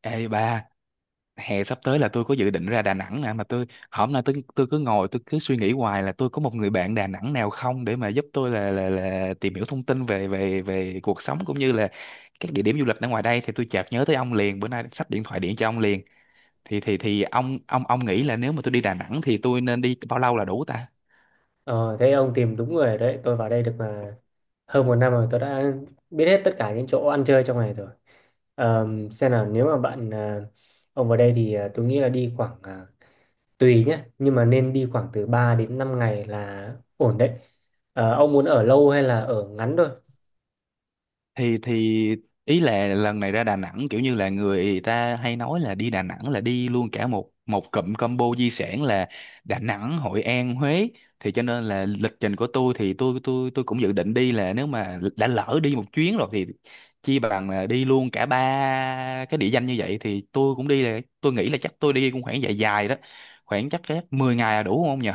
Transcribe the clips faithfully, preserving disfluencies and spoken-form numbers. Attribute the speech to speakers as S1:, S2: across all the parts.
S1: Ê ba, hè sắp tới là tôi có dự định ra Đà Nẵng nè. Mà tôi hôm nay, tôi tôi cứ ngồi tôi cứ suy nghĩ hoài là tôi có một người bạn Đà Nẵng nào không để mà giúp tôi là là là tìm hiểu thông tin về về về cuộc sống cũng như là các địa điểm du lịch ở ngoài đây. Thì tôi chợt nhớ tới ông liền, bữa nay sắp điện thoại điện cho ông liền. Thì thì thì ông ông ông nghĩ là nếu mà tôi đi Đà Nẵng thì tôi nên đi bao lâu là đủ ta?
S2: Ờ, thế ông tìm đúng người rồi đấy. Tôi vào đây được mà hơn một năm rồi. Tôi đã biết hết tất cả những chỗ ăn chơi trong này rồi. Ờm, xem nào, nếu mà bạn à, ông vào đây thì à, tôi nghĩ là đi khoảng à, tùy nhé. Nhưng mà nên đi khoảng từ ba đến năm ngày là ổn đấy. Ờ, ông muốn ở lâu hay là ở ngắn thôi?
S1: thì thì ý là lần này ra Đà Nẵng kiểu như là người ta hay nói là đi Đà Nẵng là đi luôn cả một một cụm combo di sản là Đà Nẵng, Hội An, Huế. Thì cho nên là lịch trình của tôi thì tôi tôi tôi cũng dự định đi là nếu mà đã lỡ đi một chuyến rồi thì chi bằng là đi luôn cả ba cái địa danh như vậy. Thì tôi cũng đi, là tôi nghĩ là chắc tôi đi cũng khoảng dài dài đó, khoảng chắc chắc mười ngày là đủ không nhỉ?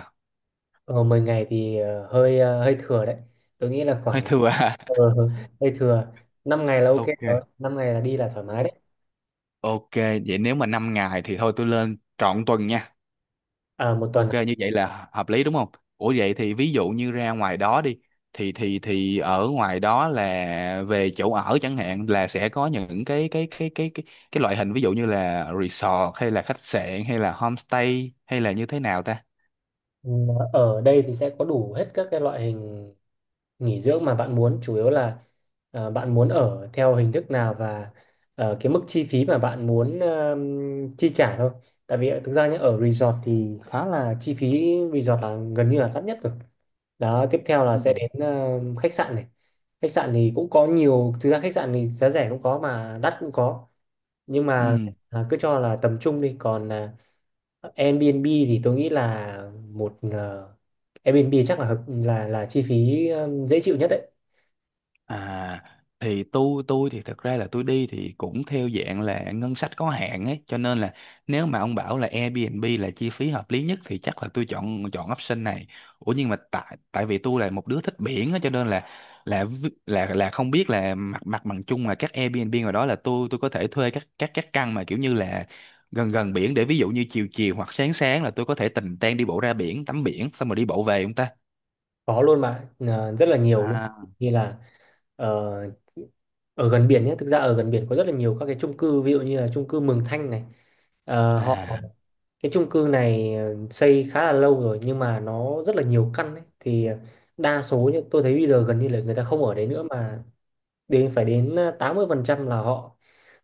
S2: Ờ, Mười ngày thì ờ, hơi ờ, hơi thừa đấy. Tôi nghĩ là
S1: Hơi
S2: khoảng
S1: thừa à?
S2: ờ, hơi thừa. Năm ngày là ok
S1: Ok,
S2: rồi. Năm ngày là đi là thoải mái đấy.
S1: ok. Vậy nếu mà năm ngày thì thôi tôi lên trọn tuần nha.
S2: À, một
S1: Ok,
S2: tuần.
S1: như vậy là hợp lý đúng không? Ủa vậy thì ví dụ như ra ngoài đó đi, thì thì thì ở ngoài đó là về chỗ ở chẳng hạn là sẽ có những cái cái cái cái cái cái loại hình, ví dụ như là resort hay là khách sạn hay là homestay hay là như thế nào ta?
S2: Ừ, ở đây thì sẽ có đủ hết các cái loại hình nghỉ dưỡng mà bạn muốn, chủ yếu là ờ, bạn muốn ở theo hình thức nào và ờ, cái mức chi phí mà bạn muốn ờm, chi trả thôi. Tại vì thực ra nhé, ở resort thì khá là, chi phí resort là gần như là đắt nhất rồi. Đó, tiếp theo là
S1: Ừ.
S2: sẽ đến ờ, khách sạn này. Khách sạn thì cũng có nhiều, thực ra khách sạn thì giá rẻ cũng có mà đắt cũng có, nhưng mà
S1: Ừ.
S2: à, cứ cho là tầm trung đi, còn à, Airbnb thì tôi nghĩ là một ờ, Airbnb chắc là hợp, là là chi phí ờ, dễ chịu nhất đấy.
S1: À, thì tôi tôi thì thật ra là tôi đi thì cũng theo dạng là ngân sách có hạn ấy, cho nên là nếu mà ông bảo là Airbnb là chi phí hợp lý nhất thì chắc là tôi chọn chọn option này. Ủa nhưng mà tại tại vì tôi là một đứa thích biển á, cho nên là là vi- là là không biết là mặt mặt bằng chung là các Airbnb ngoài đó là tôi tôi có thể thuê các các các căn mà kiểu như là gần gần biển, để ví dụ như chiều chiều hoặc sáng sáng là tôi có thể tình tang đi bộ ra biển tắm biển xong rồi đi bộ về không ta?
S2: Có luôn mà, ờ, rất là nhiều luôn.
S1: À
S2: Như là ờ, ở gần biển nhé, thực ra ở gần biển có rất là nhiều các cái chung cư, ví dụ như là chung cư Mường Thanh này. Ờ, họ
S1: à
S2: Cái chung cư này ờ, xây khá là lâu rồi nhưng mà nó rất là nhiều căn ấy. Thì ờ, đa số nhá, tôi thấy bây giờ gần như là người ta không ở đấy nữa, mà đến phải đến ờ, tám mươi phần trăm là họ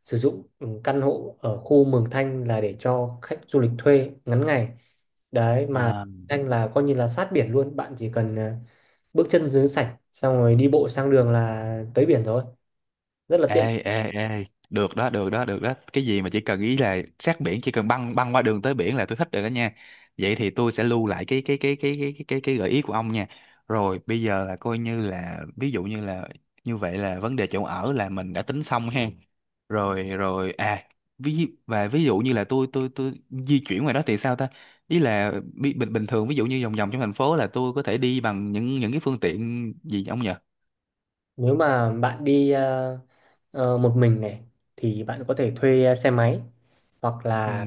S2: sử dụng ừ, căn hộ ở khu Mường Thanh là để cho khách du lịch thuê ngắn ngày đấy mà.
S1: à,
S2: Anh là coi như là sát biển luôn, bạn chỉ cần à, bước chân dưới sạch xong rồi đi bộ sang đường là tới biển rồi, rất là tiện.
S1: ê ê ê, được đó, được đó, được đó! Cái gì mà chỉ cần ý là sát biển, chỉ cần băng băng qua đường tới biển là tôi thích rồi đó nha. Vậy thì tôi sẽ lưu lại cái cái cái cái cái cái cái, cái gợi ý của ông nha. Rồi bây giờ là coi như là, ví dụ như là, như vậy là vấn đề chỗ ở là mình đã tính xong ha. Rồi, rồi. À, ví và ví dụ như là tôi tôi tôi di chuyển ngoài đó thì sao ta? Ý là bi- bình bình thường, ví dụ như vòng vòng trong thành phố là tôi có thể đi bằng những những cái phương tiện gì ông nhỉ?
S2: Nếu mà bạn đi à, ờ, một mình này thì bạn có thể thuê à, xe máy, hoặc
S1: Ừ.
S2: là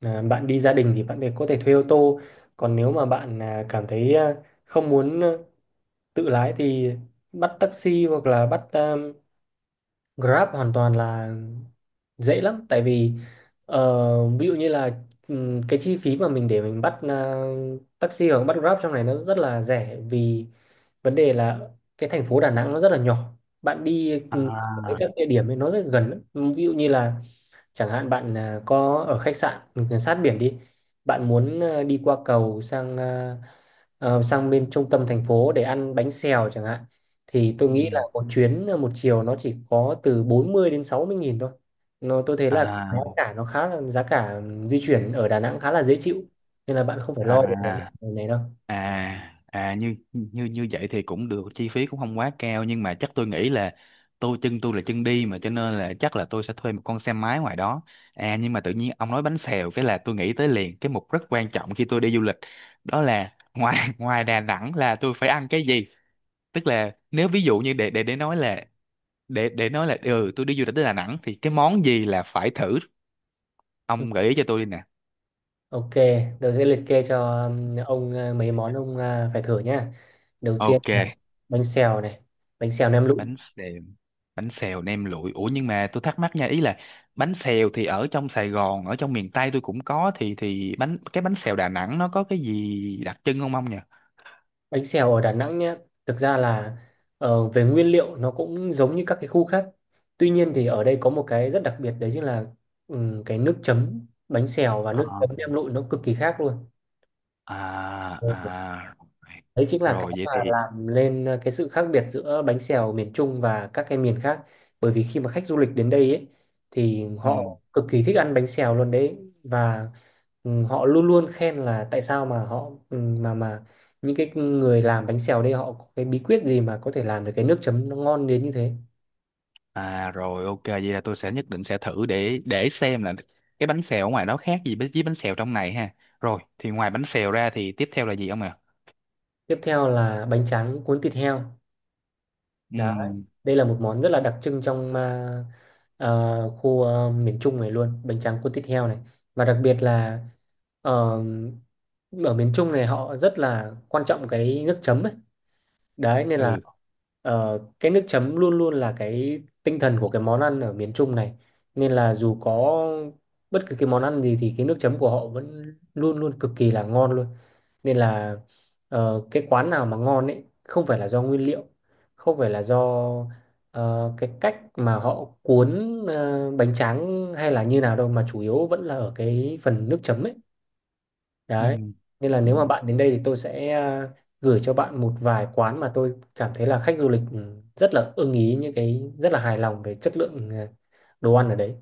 S2: à, bạn đi gia đình thì bạn có thể thuê ô tô. Còn nếu mà bạn à, cảm thấy à, không muốn à, tự lái thì bắt taxi, hoặc là bắt um, Grab hoàn toàn là dễ lắm. Tại vì ờ, ví dụ như là ừm, cái chi phí mà mình để mình bắt ờ, taxi hoặc bắt Grab trong này nó rất là rẻ, vì vấn đề là cái thành phố Đà Nẵng nó rất là nhỏ, bạn đi ừm, tới
S1: À.
S2: các địa điểm ấy nó rất gần lắm. Ví dụ như là, chẳng hạn bạn à, có ở khách sạn ừ, sát biển đi, bạn muốn à, đi qua cầu sang à, ờ, sang bên trung tâm thành phố để ăn bánh xèo chẳng hạn, thì tôi nghĩ là
S1: Ừ.
S2: một chuyến à, một chiều nó chỉ có từ bốn mươi đến sáu mươi nghìn thôi. Nó tôi thấy là giá
S1: À
S2: cả nó khá là, giá cả ừ, di chuyển ở Đà Nẵng khá là dễ chịu, nên là bạn không phải lo về vấn
S1: à
S2: đề này đâu.
S1: à à, như như như vậy thì cũng được, chi phí cũng không quá cao. Nhưng mà chắc tôi nghĩ là tôi, chân tôi là chân đi mà, cho nên là chắc là tôi sẽ thuê một con xe máy ngoài đó. À nhưng mà tự nhiên ông nói bánh xèo cái là tôi nghĩ tới liền. Cái mục rất quan trọng khi tôi đi du lịch đó là ngoài ngoài Đà Nẵng là tôi phải ăn cái gì. Tức là nếu ví dụ như để để để nói là, để để nói là, ừ, tôi đi du lịch tới Đà Nẵng thì cái món gì là phải thử,
S2: Ừ,
S1: ông gợi ý cho tôi đi nè.
S2: ok, tôi sẽ liệt kê cho um, ông uh, mấy món ông uh, phải thử nhá. Đầu tiên
S1: Ok.
S2: là bánh xèo này, bánh xèo nem lụi.
S1: Bánh xèo bánh xèo nem lụi? Ủa nhưng mà tôi thắc mắc nha, ý là bánh xèo thì ở trong Sài Gòn, ở trong miền Tây tôi cũng có. Thì thì bánh cái bánh xèo Đà Nẵng nó có cái gì đặc trưng không ông nhỉ?
S2: Bánh xèo ở Đà Nẵng nhé, thực ra là ờ, về nguyên liệu nó cũng giống như các cái khu khác. Tuy nhiên thì ở đây có một cái rất đặc biệt, đấy chính là ừm, cái nước chấm bánh xèo và
S1: Ờ.
S2: nước chấm nem lụi nó cực kỳ khác luôn.
S1: À à,
S2: Đấy chính là cái
S1: rồi vậy
S2: mà
S1: thì
S2: làm lên ờ, cái sự khác biệt giữa bánh xèo miền Trung và các cái miền khác. Bởi vì khi mà khách du lịch đến đây ấy, thì
S1: ừ,
S2: họ cực kỳ thích ăn bánh xèo luôn đấy, và ừ, họ luôn luôn khen là tại sao mà họ ừ, mà mà những cái người làm bánh xèo đây họ có cái bí quyết gì mà có thể làm được cái nước chấm nó ngon đến như thế.
S1: à rồi, ok. Vậy là tôi sẽ nhất định sẽ thử để để xem là cái bánh xèo ở ngoài đó khác gì với với bánh xèo trong này ha. Rồi thì ngoài bánh xèo ra thì tiếp theo là gì ông ạ?
S2: Tiếp theo là bánh tráng cuốn thịt heo. Đó,
S1: Ừ
S2: đây là một món rất là đặc trưng trong ờ, ờ, khu ờ, miền Trung này luôn, bánh tráng cuốn thịt heo này. Và đặc biệt là, Ờ, ở miền Trung này họ rất là quan trọng cái nước chấm ấy. Đấy, nên là
S1: ừ
S2: ờ, cái nước chấm luôn luôn là cái tinh thần của cái món ăn ở miền Trung này. Nên là dù có bất cứ cái món ăn gì thì cái nước chấm của họ vẫn luôn luôn cực kỳ là ngon luôn. Nên là ờ, cái quán nào mà ngon ấy không phải là do nguyên liệu, không phải là do ờ, cái cách mà họ cuốn ờ, bánh tráng hay là như nào đâu, mà chủ yếu vẫn là ở cái phần nước chấm ấy. Đấy. Nên là
S1: ừ.
S2: nếu mà bạn đến đây thì tôi sẽ à, gửi cho bạn một vài quán mà tôi cảm thấy là khách du lịch ừ, rất là ưng ý, những cái rất là hài lòng về chất lượng à, đồ ăn ở đấy.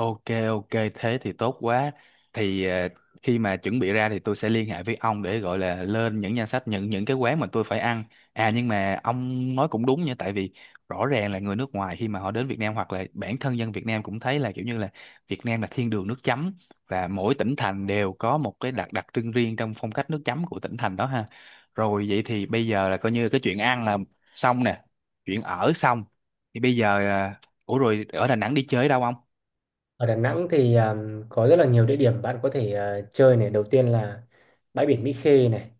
S1: Ok, ok, thế thì tốt quá. Thì ờ, khi mà chuẩn bị ra thì tôi sẽ liên hệ với ông để gọi là lên những danh sách những những cái quán mà tôi phải ăn. À nhưng mà ông nói cũng đúng nha, tại vì rõ ràng là người nước ngoài khi mà họ đến Việt Nam, hoặc là bản thân dân Việt Nam cũng thấy là kiểu như là Việt Nam là thiên đường nước chấm, và mỗi tỉnh thành đều có một cái đặc đặc trưng riêng trong phong cách nước chấm của tỉnh thành đó ha. Rồi vậy thì bây giờ là coi như cái chuyện ăn là xong nè, chuyện ở xong. Thì bây giờ à, ủa rồi ở Đà Nẵng đi chơi đâu ông?
S2: Ở Đà Nẵng thì à, có rất là nhiều địa điểm bạn có thể à, chơi này. Đầu tiên là bãi biển Mỹ Khê này.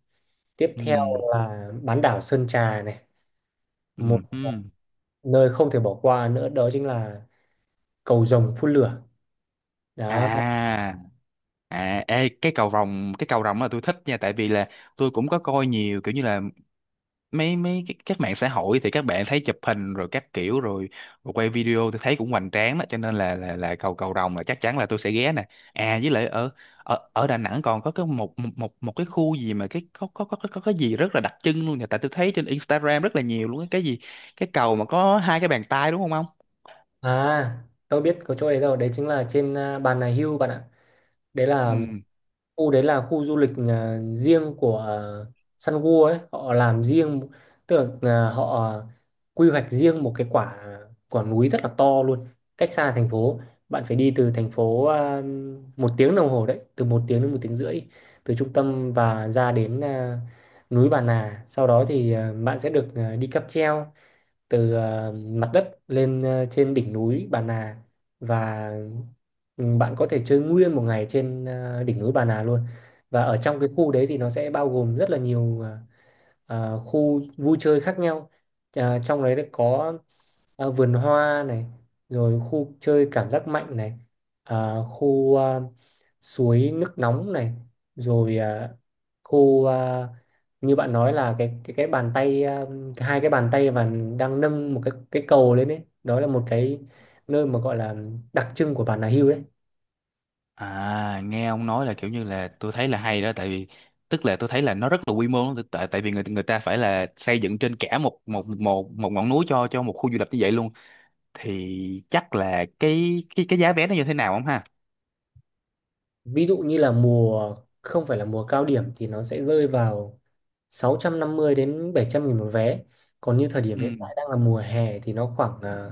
S2: Tiếp
S1: Ừ
S2: theo là bán đảo Sơn Trà này.
S1: ừ
S2: Một à,
S1: ừ.
S2: Nơi không thể bỏ qua nữa đó chính là Cầu Rồng phun lửa. Đó.
S1: À à, ê, cái cầu rồng cái cầu rồng là tôi thích nha. Tại vì là tôi cũng có coi nhiều kiểu như là mấy mấy cái các mạng xã hội thì các bạn thấy chụp hình rồi các kiểu rồi, rồi quay video tôi thấy cũng hoành tráng đó, cho nên là là là cầu cầu rồng là chắc chắn là tôi sẽ ghé nè. À với lại ở ở ở Đà Nẵng còn có cái một một một một cái khu gì mà cái có có có có, có cái gì rất là đặc trưng luôn nè, tại tôi thấy trên Instagram rất là nhiều luôn. Cái cái gì, cái cầu mà có hai cái bàn tay đúng không ông?
S2: À, tôi biết có chỗ đấy rồi. Đấy chính là trên à, Bà Nà Hills bạn ạ. Đấy
S1: Ừ.
S2: là khu đấy là khu du lịch à, riêng của à, Sun World ấy, họ làm riêng, tức là à, họ quy hoạch riêng một cái quả à, quả núi rất là to luôn, cách xa thành phố. Bạn phải đi từ thành phố à, một tiếng đồng hồ đấy, từ một tiếng đến một tiếng rưỡi từ trung tâm, và ra đến à, núi Bà Nà, sau đó thì à, bạn sẽ được à, đi cáp treo từ à, mặt đất lên à, trên đỉnh núi Bà Nà. Và Ừ, bạn có thể chơi nguyên một ngày trên à, đỉnh núi Bà Nà luôn. Và ở trong cái khu đấy thì nó sẽ bao gồm rất là nhiều à, à, khu vui chơi khác nhau. À, trong đấy có à, vườn hoa này, rồi khu chơi cảm giác mạnh này, à, khu à, suối nước nóng này, rồi à, khu à, như bạn nói là cái cái cái bàn tay, à, hai cái bàn tay và đang nâng một cái cái cầu lên đấy. Đó là một cái nơi mà gọi là đặc trưng của Bà Nà Hills đấy.
S1: À, nghe ông nói là kiểu như là tôi thấy là hay đó. Tại vì tức là tôi thấy là nó rất là quy mô lắm, tại tại vì người người ta phải là xây dựng trên cả một một một một ngọn núi cho cho một khu du lịch như vậy luôn. Thì chắc là cái cái cái giá vé nó như thế nào không ha?
S2: Ví dụ như là mùa không phải là mùa cao điểm thì nó sẽ rơi vào sáu trăm năm mươi đến bảy trăm nghìn một vé. Còn như thời điểm
S1: Ừ.
S2: hiện tại đang là mùa hè thì nó khoảng à,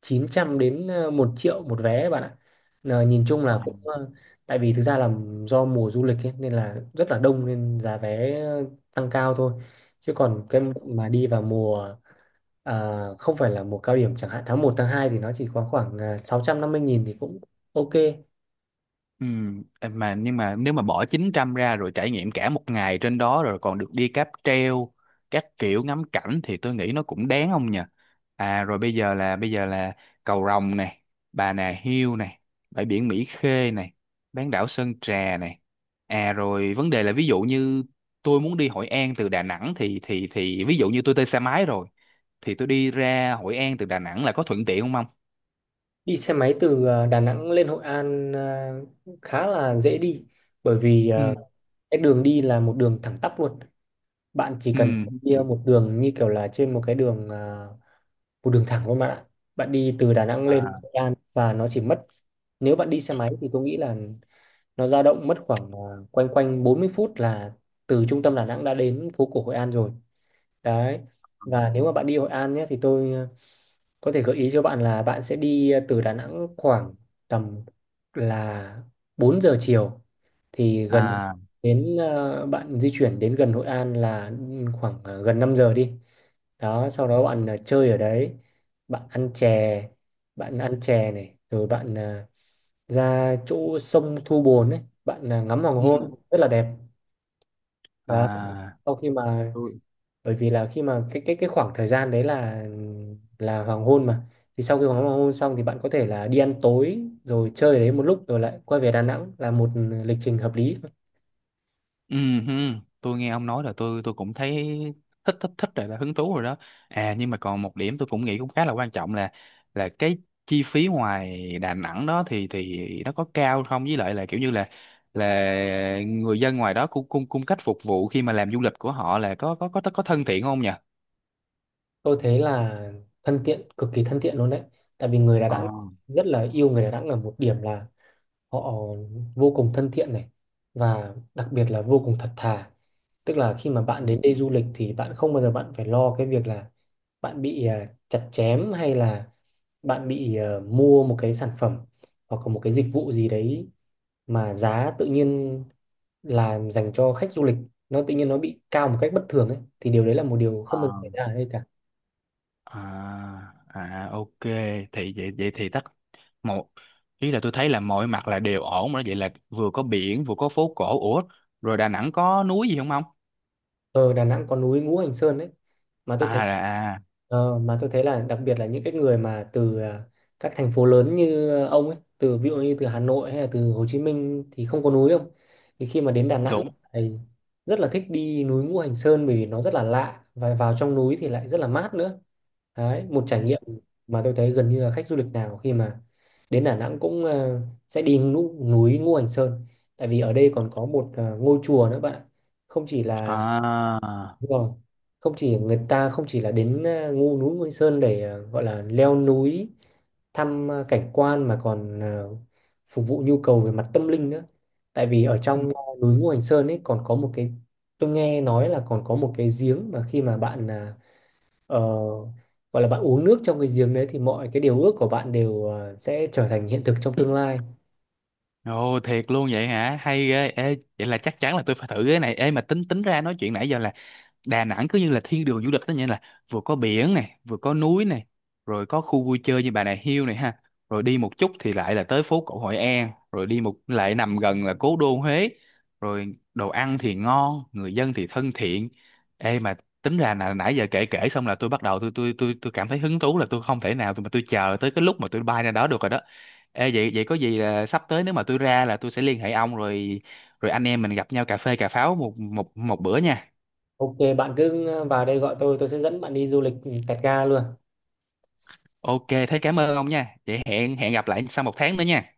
S2: chín trăm đến à, 1 triệu một vé bạn ạ. Là nhìn chung là cũng à, tại vì thực ra là do mùa du lịch ấy, nên là rất là đông, nên giá vé ờ, tăng cao thôi. Chứ còn cái mà đi vào mùa à, không phải là mùa cao điểm chẳng hạn tháng một tháng hai thì nó chỉ có khoảng à, sáu trăm năm mươi nghìn thì cũng ok.
S1: Ừ, em mà nhưng mà nếu mà bỏ chín trăm ra rồi trải nghiệm cả một ngày trên đó rồi còn được đi cáp treo các kiểu ngắm cảnh thì tôi nghĩ nó cũng đáng không nhỉ? À rồi bây giờ là bây giờ là Cầu Rồng này, Bà Nà Hills này, bãi biển Mỹ Khê này, bán đảo Sơn Trà này. À rồi vấn đề là ví dụ như tôi muốn đi Hội An từ Đà Nẵng, thì thì thì ví dụ như tôi thuê xe máy rồi thì tôi đi ra Hội An từ Đà Nẵng là có thuận tiện không không?
S2: Đi xe máy từ ờ, Đà Nẵng lên Hội An ờ, khá là dễ đi, bởi vì ờ,
S1: Ừ.
S2: cái đường đi là một đường thẳng tắp luôn. Bạn chỉ
S1: Ừ.
S2: cần đi
S1: Ừ.
S2: một đường như kiểu là trên một cái đường, ờ, một đường thẳng luôn bạn ạ. Bạn đi từ Đà Nẵng lên
S1: À.
S2: Hội An và nó chỉ mất, nếu bạn đi xe máy thì tôi nghĩ là nó dao động mất khoảng ờ, quanh quanh bốn mươi phút là từ trung tâm Đà Nẵng đã đến phố cổ Hội An rồi. Đấy.
S1: Ừ.
S2: Và nếu mà bạn đi Hội An nhé thì tôi ờ, có thể gợi ý cho bạn là bạn sẽ đi ờ, từ Đà Nẵng khoảng tầm là bốn giờ chiều thì gần
S1: À.
S2: đến, ờ, bạn di chuyển đến gần Hội An là ừ, khoảng ờ, gần năm giờ đi. Đó, sau đó bạn ờ, chơi ở đấy, bạn ăn chè, bạn ăn chè, này, rồi bạn ờ, ra chỗ sông Thu Bồn ấy, bạn ờ, ngắm hoàng
S1: Ừ.
S2: hôn rất là đẹp. Đó.
S1: À,
S2: Sau khi mà
S1: tôi,
S2: Bởi vì là khi mà cái cái cái khoảng thời gian đấy là là hoàng hôn mà, thì sau khi hoàng hoàng hôn xong thì bạn có thể là đi ăn tối rồi chơi đấy một lúc rồi lại quay về Đà Nẵng, là một lịch trình hợp lý.
S1: ừ hừ, tôi nghe ông nói là tôi tôi cũng thấy thích thích thích rồi, là hứng thú rồi đó. À nhưng mà còn một điểm tôi cũng nghĩ cũng khá là quan trọng là là cái chi phí ngoài Đà Nẵng đó thì thì nó có cao không, với lại là kiểu như là là người dân ngoài đó cung cung cung cách phục vụ khi mà làm du lịch của họ là có có có có thân thiện không nhỉ?
S2: Tôi thấy là thân thiện, cực kỳ thân thiện luôn đấy, tại vì người Đà
S1: Ờ.
S2: Nẵng rất là yêu người Đà Nẵng ở một điểm là họ vô cùng thân thiện này, và đặc biệt là vô cùng thật thà, tức là khi mà bạn đến đây du lịch thì bạn không bao giờ bạn phải lo cái việc là bạn bị à, chặt chém, hay là bạn bị ờ, mua một cái sản phẩm hoặc là một cái dịch vụ gì đấy mà giá tự nhiên là dành cho khách du lịch, nó tự nhiên nó bị cao một cách bất thường ấy, thì điều đấy là một điều
S1: Ừ.
S2: không bao giờ xảy ra ở đây cả.
S1: À à, ok. Thì vậy vậy thì, tất một ý là tôi thấy là mọi mặt là đều ổn rồi đó. Vậy là vừa có biển vừa có phố cổ. Ủa rồi Đà Nẵng có núi gì không ông?
S2: Ờ, Đà Nẵng có núi Ngũ Hành Sơn đấy, mà tôi thấy
S1: À, là- à,
S2: ờ, mà tôi thấy là đặc biệt là những cái người mà từ à, các thành phố lớn như ờ, ông ấy, từ ví dụ như từ Hà Nội hay là từ Hồ Chí Minh thì không có núi không, thì khi mà đến Đà Nẵng
S1: đúng.
S2: thì rất là thích đi núi Ngũ Hành Sơn bởi vì nó rất là lạ, và vào trong núi thì lại rất là mát nữa đấy. Một trải nghiệm mà tôi thấy gần như là khách du lịch nào khi mà đến Đà Nẵng cũng ờ, sẽ đi núi, núi Ngũ Hành Sơn, tại vì ở đây còn có một ờ, ngôi chùa nữa bạn ạ, không chỉ là.
S1: À,
S2: Đúng rồi. Không chỉ người ta, không chỉ là đến à, ngu núi Ngôi Sơn để à, gọi là leo núi, thăm à, cảnh quan, mà còn à, phục vụ nhu cầu về mặt tâm linh nữa. Tại vì ở
S1: ừ.
S2: trong à, núi Ngũ Hành Sơn ấy còn có một cái tôi nghe nói là còn có một cái giếng mà khi mà bạn à, ờ, gọi là bạn uống nước trong cái giếng đấy thì mọi cái điều ước của bạn đều à, sẽ trở thành hiện thực trong tương lai.
S1: Ồ, thiệt luôn vậy hả, hay ghê! Ê vậy là chắc chắn là tôi phải thử cái này. Ê mà tính tính ra nói chuyện nãy giờ là Đà Nẵng cứ như là thiên đường du lịch đó nhỉ, là vừa có biển này vừa có núi này, rồi có khu vui chơi như Bà Nà Hills này ha, rồi đi một chút thì lại là tới phố cổ Hội An, rồi đi một lại nằm gần là cố đô Huế, rồi đồ ăn thì ngon, người dân thì thân thiện. Ê mà tính ra là nãy giờ kể kể xong là tôi bắt đầu tôi tôi tôi tôi cảm thấy hứng thú, là tôi không thể nào, tôi mà tôi chờ tới cái lúc mà tôi bay ra đó được rồi đó. Ê vậy vậy có gì là sắp tới nếu mà tôi ra là tôi sẽ liên hệ ông, rồi rồi anh em mình gặp nhau cà phê cà pháo một một một bữa nha.
S2: Ok, bạn cứ ờ, vào đây gọi tôi, tôi sẽ dẫn bạn đi du lịch Tẹt Ga luôn.
S1: Ok, thế cảm ơn ông nha. Vậy hẹn hẹn gặp lại sau một tháng nữa nha.